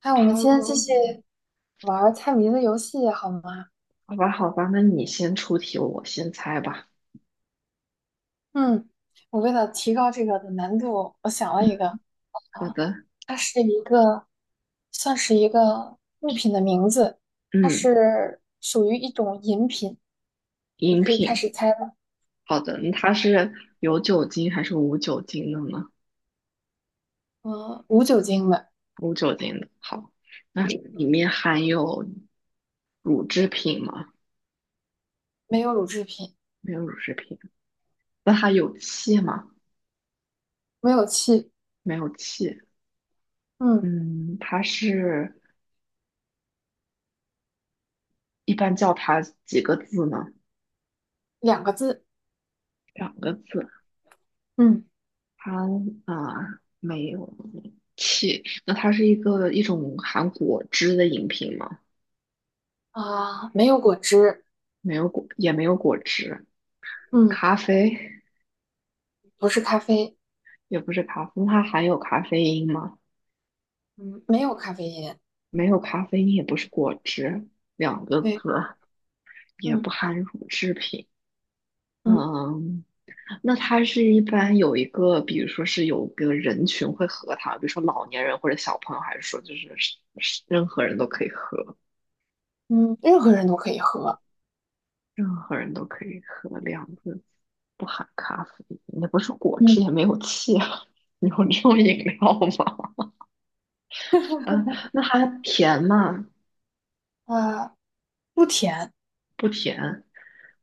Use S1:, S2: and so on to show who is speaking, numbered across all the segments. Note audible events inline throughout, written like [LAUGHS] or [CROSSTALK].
S1: 哎，我们今天继
S2: 哦，
S1: 续玩儿猜谜的游戏好吗？
S2: 好吧，好吧，那你先出题，我先猜吧。
S1: 嗯，我为了提高这个的难度，我想了一个，
S2: 好
S1: 啊，
S2: 的，
S1: 它是一个，算是一个物品的名字，它
S2: 嗯，
S1: 是属于一种饮品，你
S2: 饮
S1: 可以开
S2: 品，
S1: 始猜了。
S2: 好的，那它是有酒精还是无酒精的呢？
S1: 嗯，无酒精的，
S2: 无酒精的，好，那里面含有乳制品吗？
S1: 没有乳制品，
S2: 没有乳制品，那它有气吗？
S1: 没有气，
S2: 没有气，
S1: 嗯，
S2: 嗯，它是一般叫它几个字呢？
S1: 两个字，
S2: 两个字，
S1: 嗯
S2: 它啊，没有气，那它是一种含果汁的饮品吗？
S1: 没有果汁，
S2: 没有果，也没有果汁，
S1: 嗯，
S2: 咖啡
S1: 不是咖啡，
S2: 也不是咖啡，它含有咖啡因吗？
S1: 嗯，没有咖啡因，
S2: 没有咖啡因，也不是果汁，两个
S1: 对，
S2: 字，也
S1: 嗯
S2: 不含乳制品。
S1: 嗯。
S2: 嗯，那它是一般有一个，比如说是有个人群会喝它，比如说老年人或者小朋友，还是说就是是任何人都可以喝，
S1: 嗯，任何人都可以喝。
S2: 任何人都可以喝，两个字，不含咖啡因，也不是果汁，
S1: 嗯，
S2: 也没有气啊，[LAUGHS] 有这种饮料吗？嗯，那它甜吗？
S1: 啊、不甜，
S2: 不甜，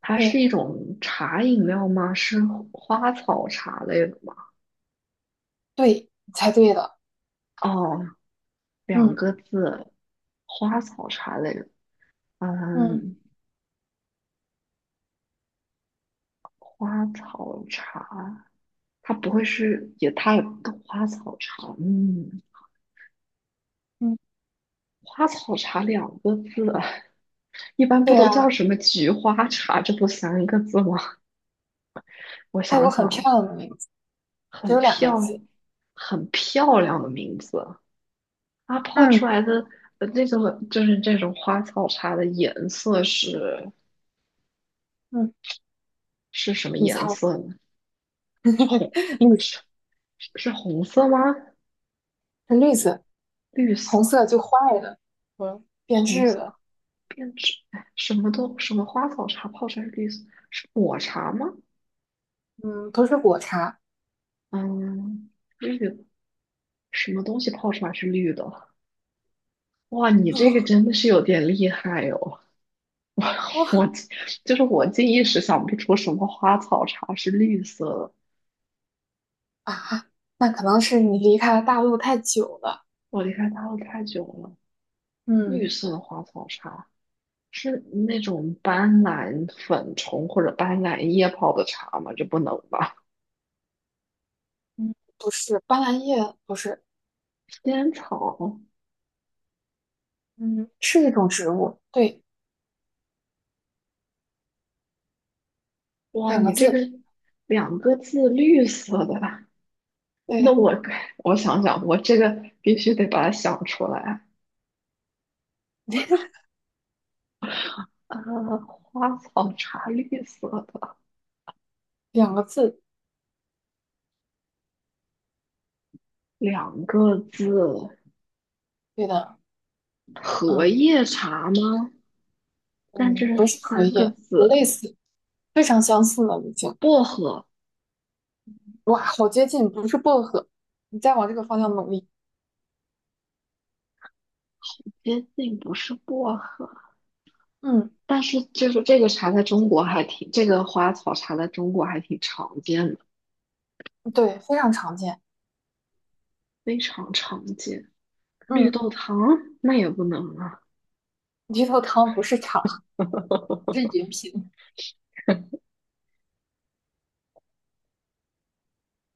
S2: 它是
S1: 对
S2: 一种茶饮料吗？是花草茶类的吗？
S1: 对，你猜对了。
S2: 哦，两
S1: 嗯
S2: 个字，花草茶类的，
S1: 嗯
S2: 嗯，花草茶，它不会是也它也花草茶，嗯，
S1: 嗯，
S2: 花草茶两个字，一般不
S1: 对
S2: 都叫
S1: 啊，
S2: 什么菊花茶？这不三个字吗？我
S1: 它
S2: 想
S1: 有很漂
S2: 想，
S1: 亮的名字，只
S2: 很
S1: 有两个
S2: 漂
S1: 字。
S2: 很漂亮的名字。它泡出
S1: 嗯
S2: 来的那种就是这种花草茶的颜色是
S1: 嗯，
S2: 是什么
S1: 你
S2: 颜
S1: 猜，
S2: 色呢？是红
S1: 绿色
S2: 是是红色吗？
S1: 是绿色，
S2: 绿
S1: 红
S2: 色、
S1: 色就坏了，嗯，变
S2: 红
S1: 质
S2: 色
S1: 了。
S2: 变质，哎，什么花草茶泡出来是绿色，是抹茶吗？
S1: 嗯，不是果茶。
S2: 嗯，绿的，什么东西泡出来是绿的？哇，你这个真的是有点厉害哦！[LAUGHS] 我我
S1: [LAUGHS]
S2: 就是我竟一时想不出什么花草茶是绿色的，
S1: 啊，那可能是你离开大陆太久了。
S2: 我离开大陆太久了。
S1: 嗯
S2: 绿色花草茶是那种斑斓粉虫或者斑斓叶泡的茶吗？这不能吧？
S1: 嗯，不是，斑斓叶不是，
S2: 仙草，
S1: 嗯，是一种植物，对，
S2: 哇，
S1: 两个
S2: 你这个
S1: 字，
S2: 两个字绿色的，那
S1: 对，
S2: 我我想想，我这个必须得把它想出来。
S1: [LAUGHS]
S2: 呃，花草茶绿色的，
S1: 两个字。
S2: 两个字，
S1: 对的，
S2: 荷
S1: 嗯
S2: 叶茶吗？但这
S1: 嗯，不
S2: 是
S1: 是荷
S2: 三个
S1: 叶，
S2: 字，
S1: 类似，非常相似了已经。
S2: 薄荷
S1: 哇，好接近，不是薄荷。你再往这个方向努力。
S2: 接近不是薄荷。
S1: 嗯，
S2: 但是就是这个茶在中国还挺，这个花草茶在中国还挺常见的，
S1: 对，非常常见。
S2: 非常常见。绿
S1: 嗯，
S2: 豆汤那也不能啊，
S1: 绿豆汤不是茶，是
S2: [LAUGHS]
S1: 饮品。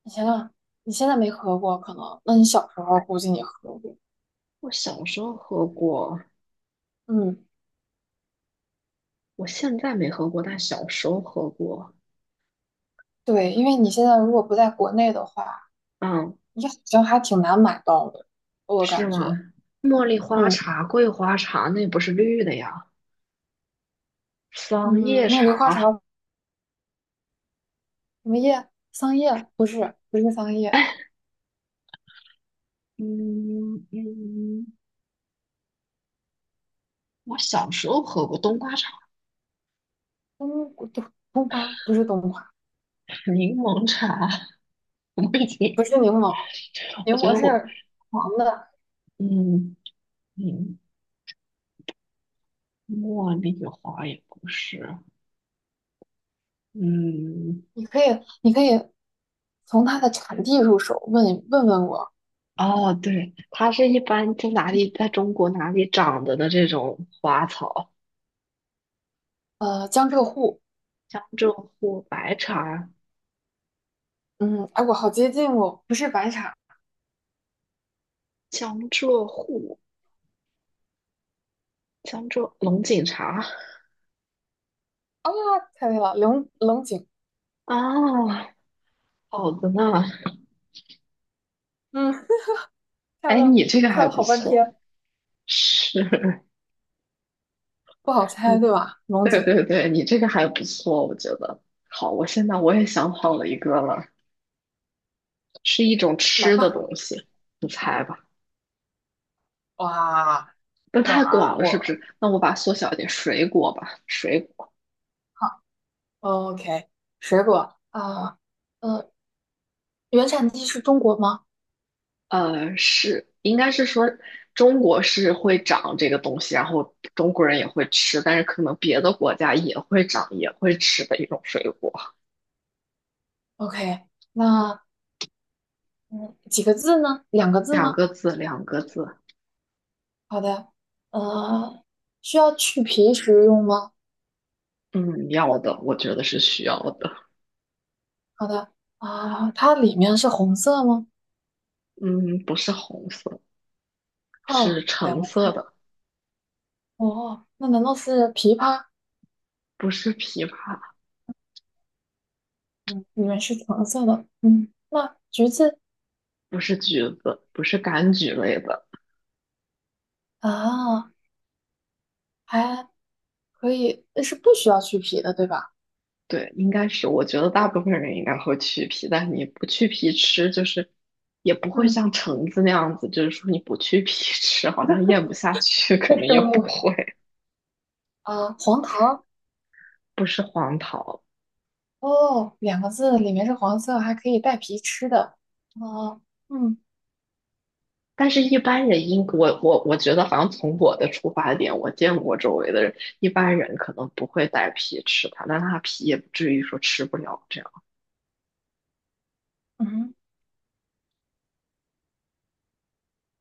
S1: 你想想，你现在没喝过，可能，那你小时候估计你喝过。
S2: 我小时候喝过，
S1: 嗯，
S2: 我现在没喝过，但小时候喝过。
S1: 对，因为你现在如果不在国内的话，
S2: 嗯，
S1: 你好像还挺难买到的，我
S2: 是
S1: 感
S2: 吗？
S1: 觉。
S2: 茉莉花
S1: 嗯
S2: 茶、桂花茶那不是绿的呀？桑
S1: 嗯，
S2: 叶
S1: 茉莉花
S2: 茶，
S1: 茶什么叶？桑叶？不是，不是桑叶。
S2: 哎，嗯嗯，我小时候喝过冬瓜茶、
S1: 冬瓜不是冬瓜，
S2: 柠檬茶，[LAUGHS] 我已
S1: 不
S2: 经，
S1: 是柠檬，柠
S2: 我觉
S1: 檬
S2: 得我，
S1: 是黄的。
S2: 嗯。嗯，茉莉花也不是，嗯，
S1: 你可以，你可以从它的产地入手，问问我，
S2: 哦，对，它是一般在哪里，在中国哪里长的这种花草，
S1: 江浙沪，
S2: 江浙沪白茶，
S1: 嗯，哎，我好接近哦，不是白茶
S2: 江浙沪，江浙龙井茶，
S1: 啊，猜对了，龙井，
S2: 啊，好的呢，
S1: 嗯，猜
S2: 哎，
S1: 了
S2: 你这个
S1: 猜
S2: 还
S1: 了
S2: 不
S1: 好半
S2: 错，
S1: 天，
S2: 是，
S1: 不好
S2: [LAUGHS]
S1: 猜
S2: 嗯，
S1: 对吧？龙
S2: 对
S1: 井，
S2: 对对，你这个还不错，我觉得，好，我现在我也想好了一个了，是一种
S1: 来
S2: 吃的
S1: 吧，
S2: 东西，你猜吧。
S1: 哇，
S2: 那太广
S1: 那
S2: 了，是不
S1: 我
S2: 是？那我把它缩小一点，水果吧，水果，
S1: 好，OK，水果啊，呃，原产地是中国吗
S2: 是应该是说中国是会长这个东西，然后中国人也会吃，但是可能别的国家也会长，也会吃的一种水果。
S1: ？OK，那嗯，几个字呢？两个字
S2: 两
S1: 吗？
S2: 个字，两个字，
S1: 好的，呃，需要去皮食用吗？
S2: 嗯，要的，我觉得是需要的，
S1: 好的，啊，它里面是红色吗？
S2: 嗯，不是红色，是
S1: 哦，两
S2: 橙
S1: 个字，
S2: 色的，
S1: 哦，那难道是枇杷？
S2: 不是枇杷，
S1: 嗯，里面是橙色的，嗯，那橘子
S2: 不是橘子，不是柑橘类的。
S1: 啊，还可以，是不需要去皮的，对吧？
S2: 对，应该是，我觉得大部分人应该会去皮，但你不去皮吃，就是也不会
S1: 嗯，
S2: 像橙子那样子，就是说你不去皮 [LAUGHS] 吃，好像咽不下去，可
S1: 这
S2: 能也
S1: 生
S2: 不
S1: 物
S2: 会，
S1: 啊，黄桃，
S2: 不是黄桃。
S1: 哦，两个字，里面是黄色，还可以带皮吃的，哦，嗯
S2: 但是，一般人应我觉得，好像从我的出发点，我见过周围的人，一般人可能不会带皮吃它，但它皮也不至于说吃不了这样。
S1: 嗯，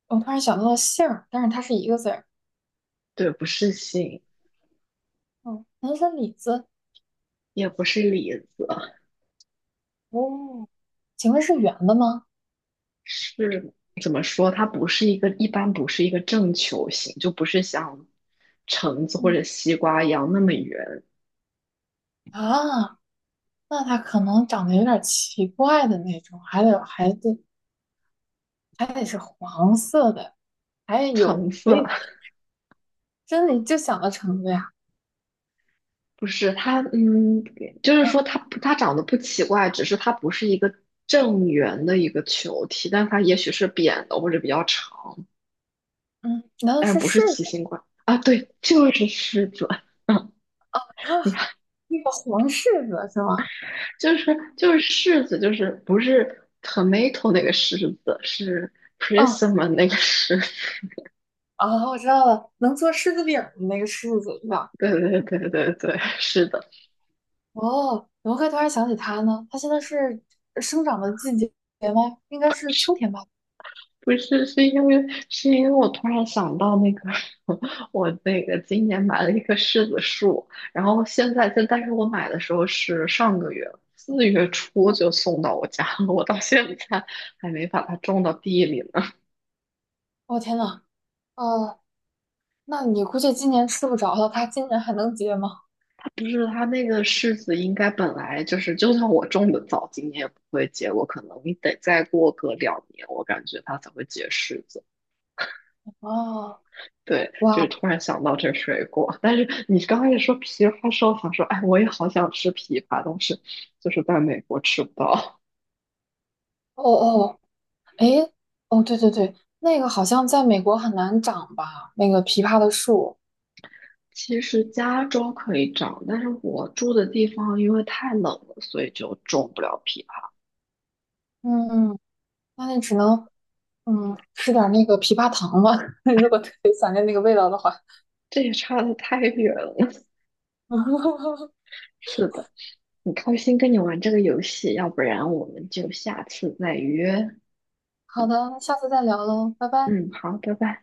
S1: 我突然想到了杏儿，但是它是一个字儿。
S2: 对，不是杏，
S1: 哦，南是李子，
S2: 也不是李子。
S1: 哦，请问是圆的吗？
S2: 是怎么说？它不是一个，一般不是一个正球形，就不是像橙子或者
S1: 嗯
S2: 西瓜一样那么圆。
S1: 啊，那它可能长得有点奇怪的那种，还得还得是黄色的，还有，
S2: 橙
S1: 以
S2: 色
S1: 真的就想到橙子呀？
S2: [LAUGHS] 不是它，嗯，就是
S1: 嗯
S2: 说它长得不奇怪，只是它不是一个正圆的一个球体，但它也许是扁的或者比较长，
S1: 嗯，难道
S2: 但是
S1: 是
S2: 不是
S1: 柿子
S2: 奇形怪啊。对，就是柿子。[LAUGHS] 嗯，
S1: 啊？
S2: 你看，
S1: 那个黄柿子是吗？
S2: 就是就是柿子，就是不是 tomato 那个柿子，是
S1: 哦
S2: prism 那个柿子。
S1: 哦，我知道了，能做柿子饼儿的那个柿子是吧？
S2: [LAUGHS] 对对对对对，是的，
S1: 哦，怎么会突然想起它呢？它现在是生长的季节吗？应该是秋天吧？
S2: 不是是因为是因为我突然想到那个 [LAUGHS] 我那个今年买了一棵柿子树，然后现在但是我买的时候是上个月4月初
S1: 嗯，
S2: 就送到我家了，我到现在还没把它种到地里呢。
S1: 哦天呐，哦，那你估计今年吃不着了，他今年还能结吗？
S2: [LAUGHS] 不是它那个柿子应该本来就是，就算我种的早，今年也不会结果，可能你得再过个2年，我感觉它才会结柿子。
S1: [LAUGHS] 哦，
S2: 对，就
S1: 哇，
S2: 是突然想到这个水果，但是你刚开始说枇杷的时候，想说，哎，我也好想吃枇杷，但是就是在美国吃不到。
S1: 哦哦，诶，哦，对对对，那个好像在美国很难长吧？那个枇杷的树，
S2: [LAUGHS] 其实加州可以长，但是我住的地方因为太冷了，所以就种不了枇杷。
S1: 嗯，那你只能嗯吃点儿那个枇杷糖吧，[LAUGHS] 如果特别想念那个味道的话。
S2: 这也差的太远了。[LAUGHS]
S1: [LAUGHS]
S2: 是的，很开心跟你玩这个游戏，要不然我们就下次再约。
S1: 好的，那下次再聊喽，拜拜。
S2: 嗯，好，拜拜。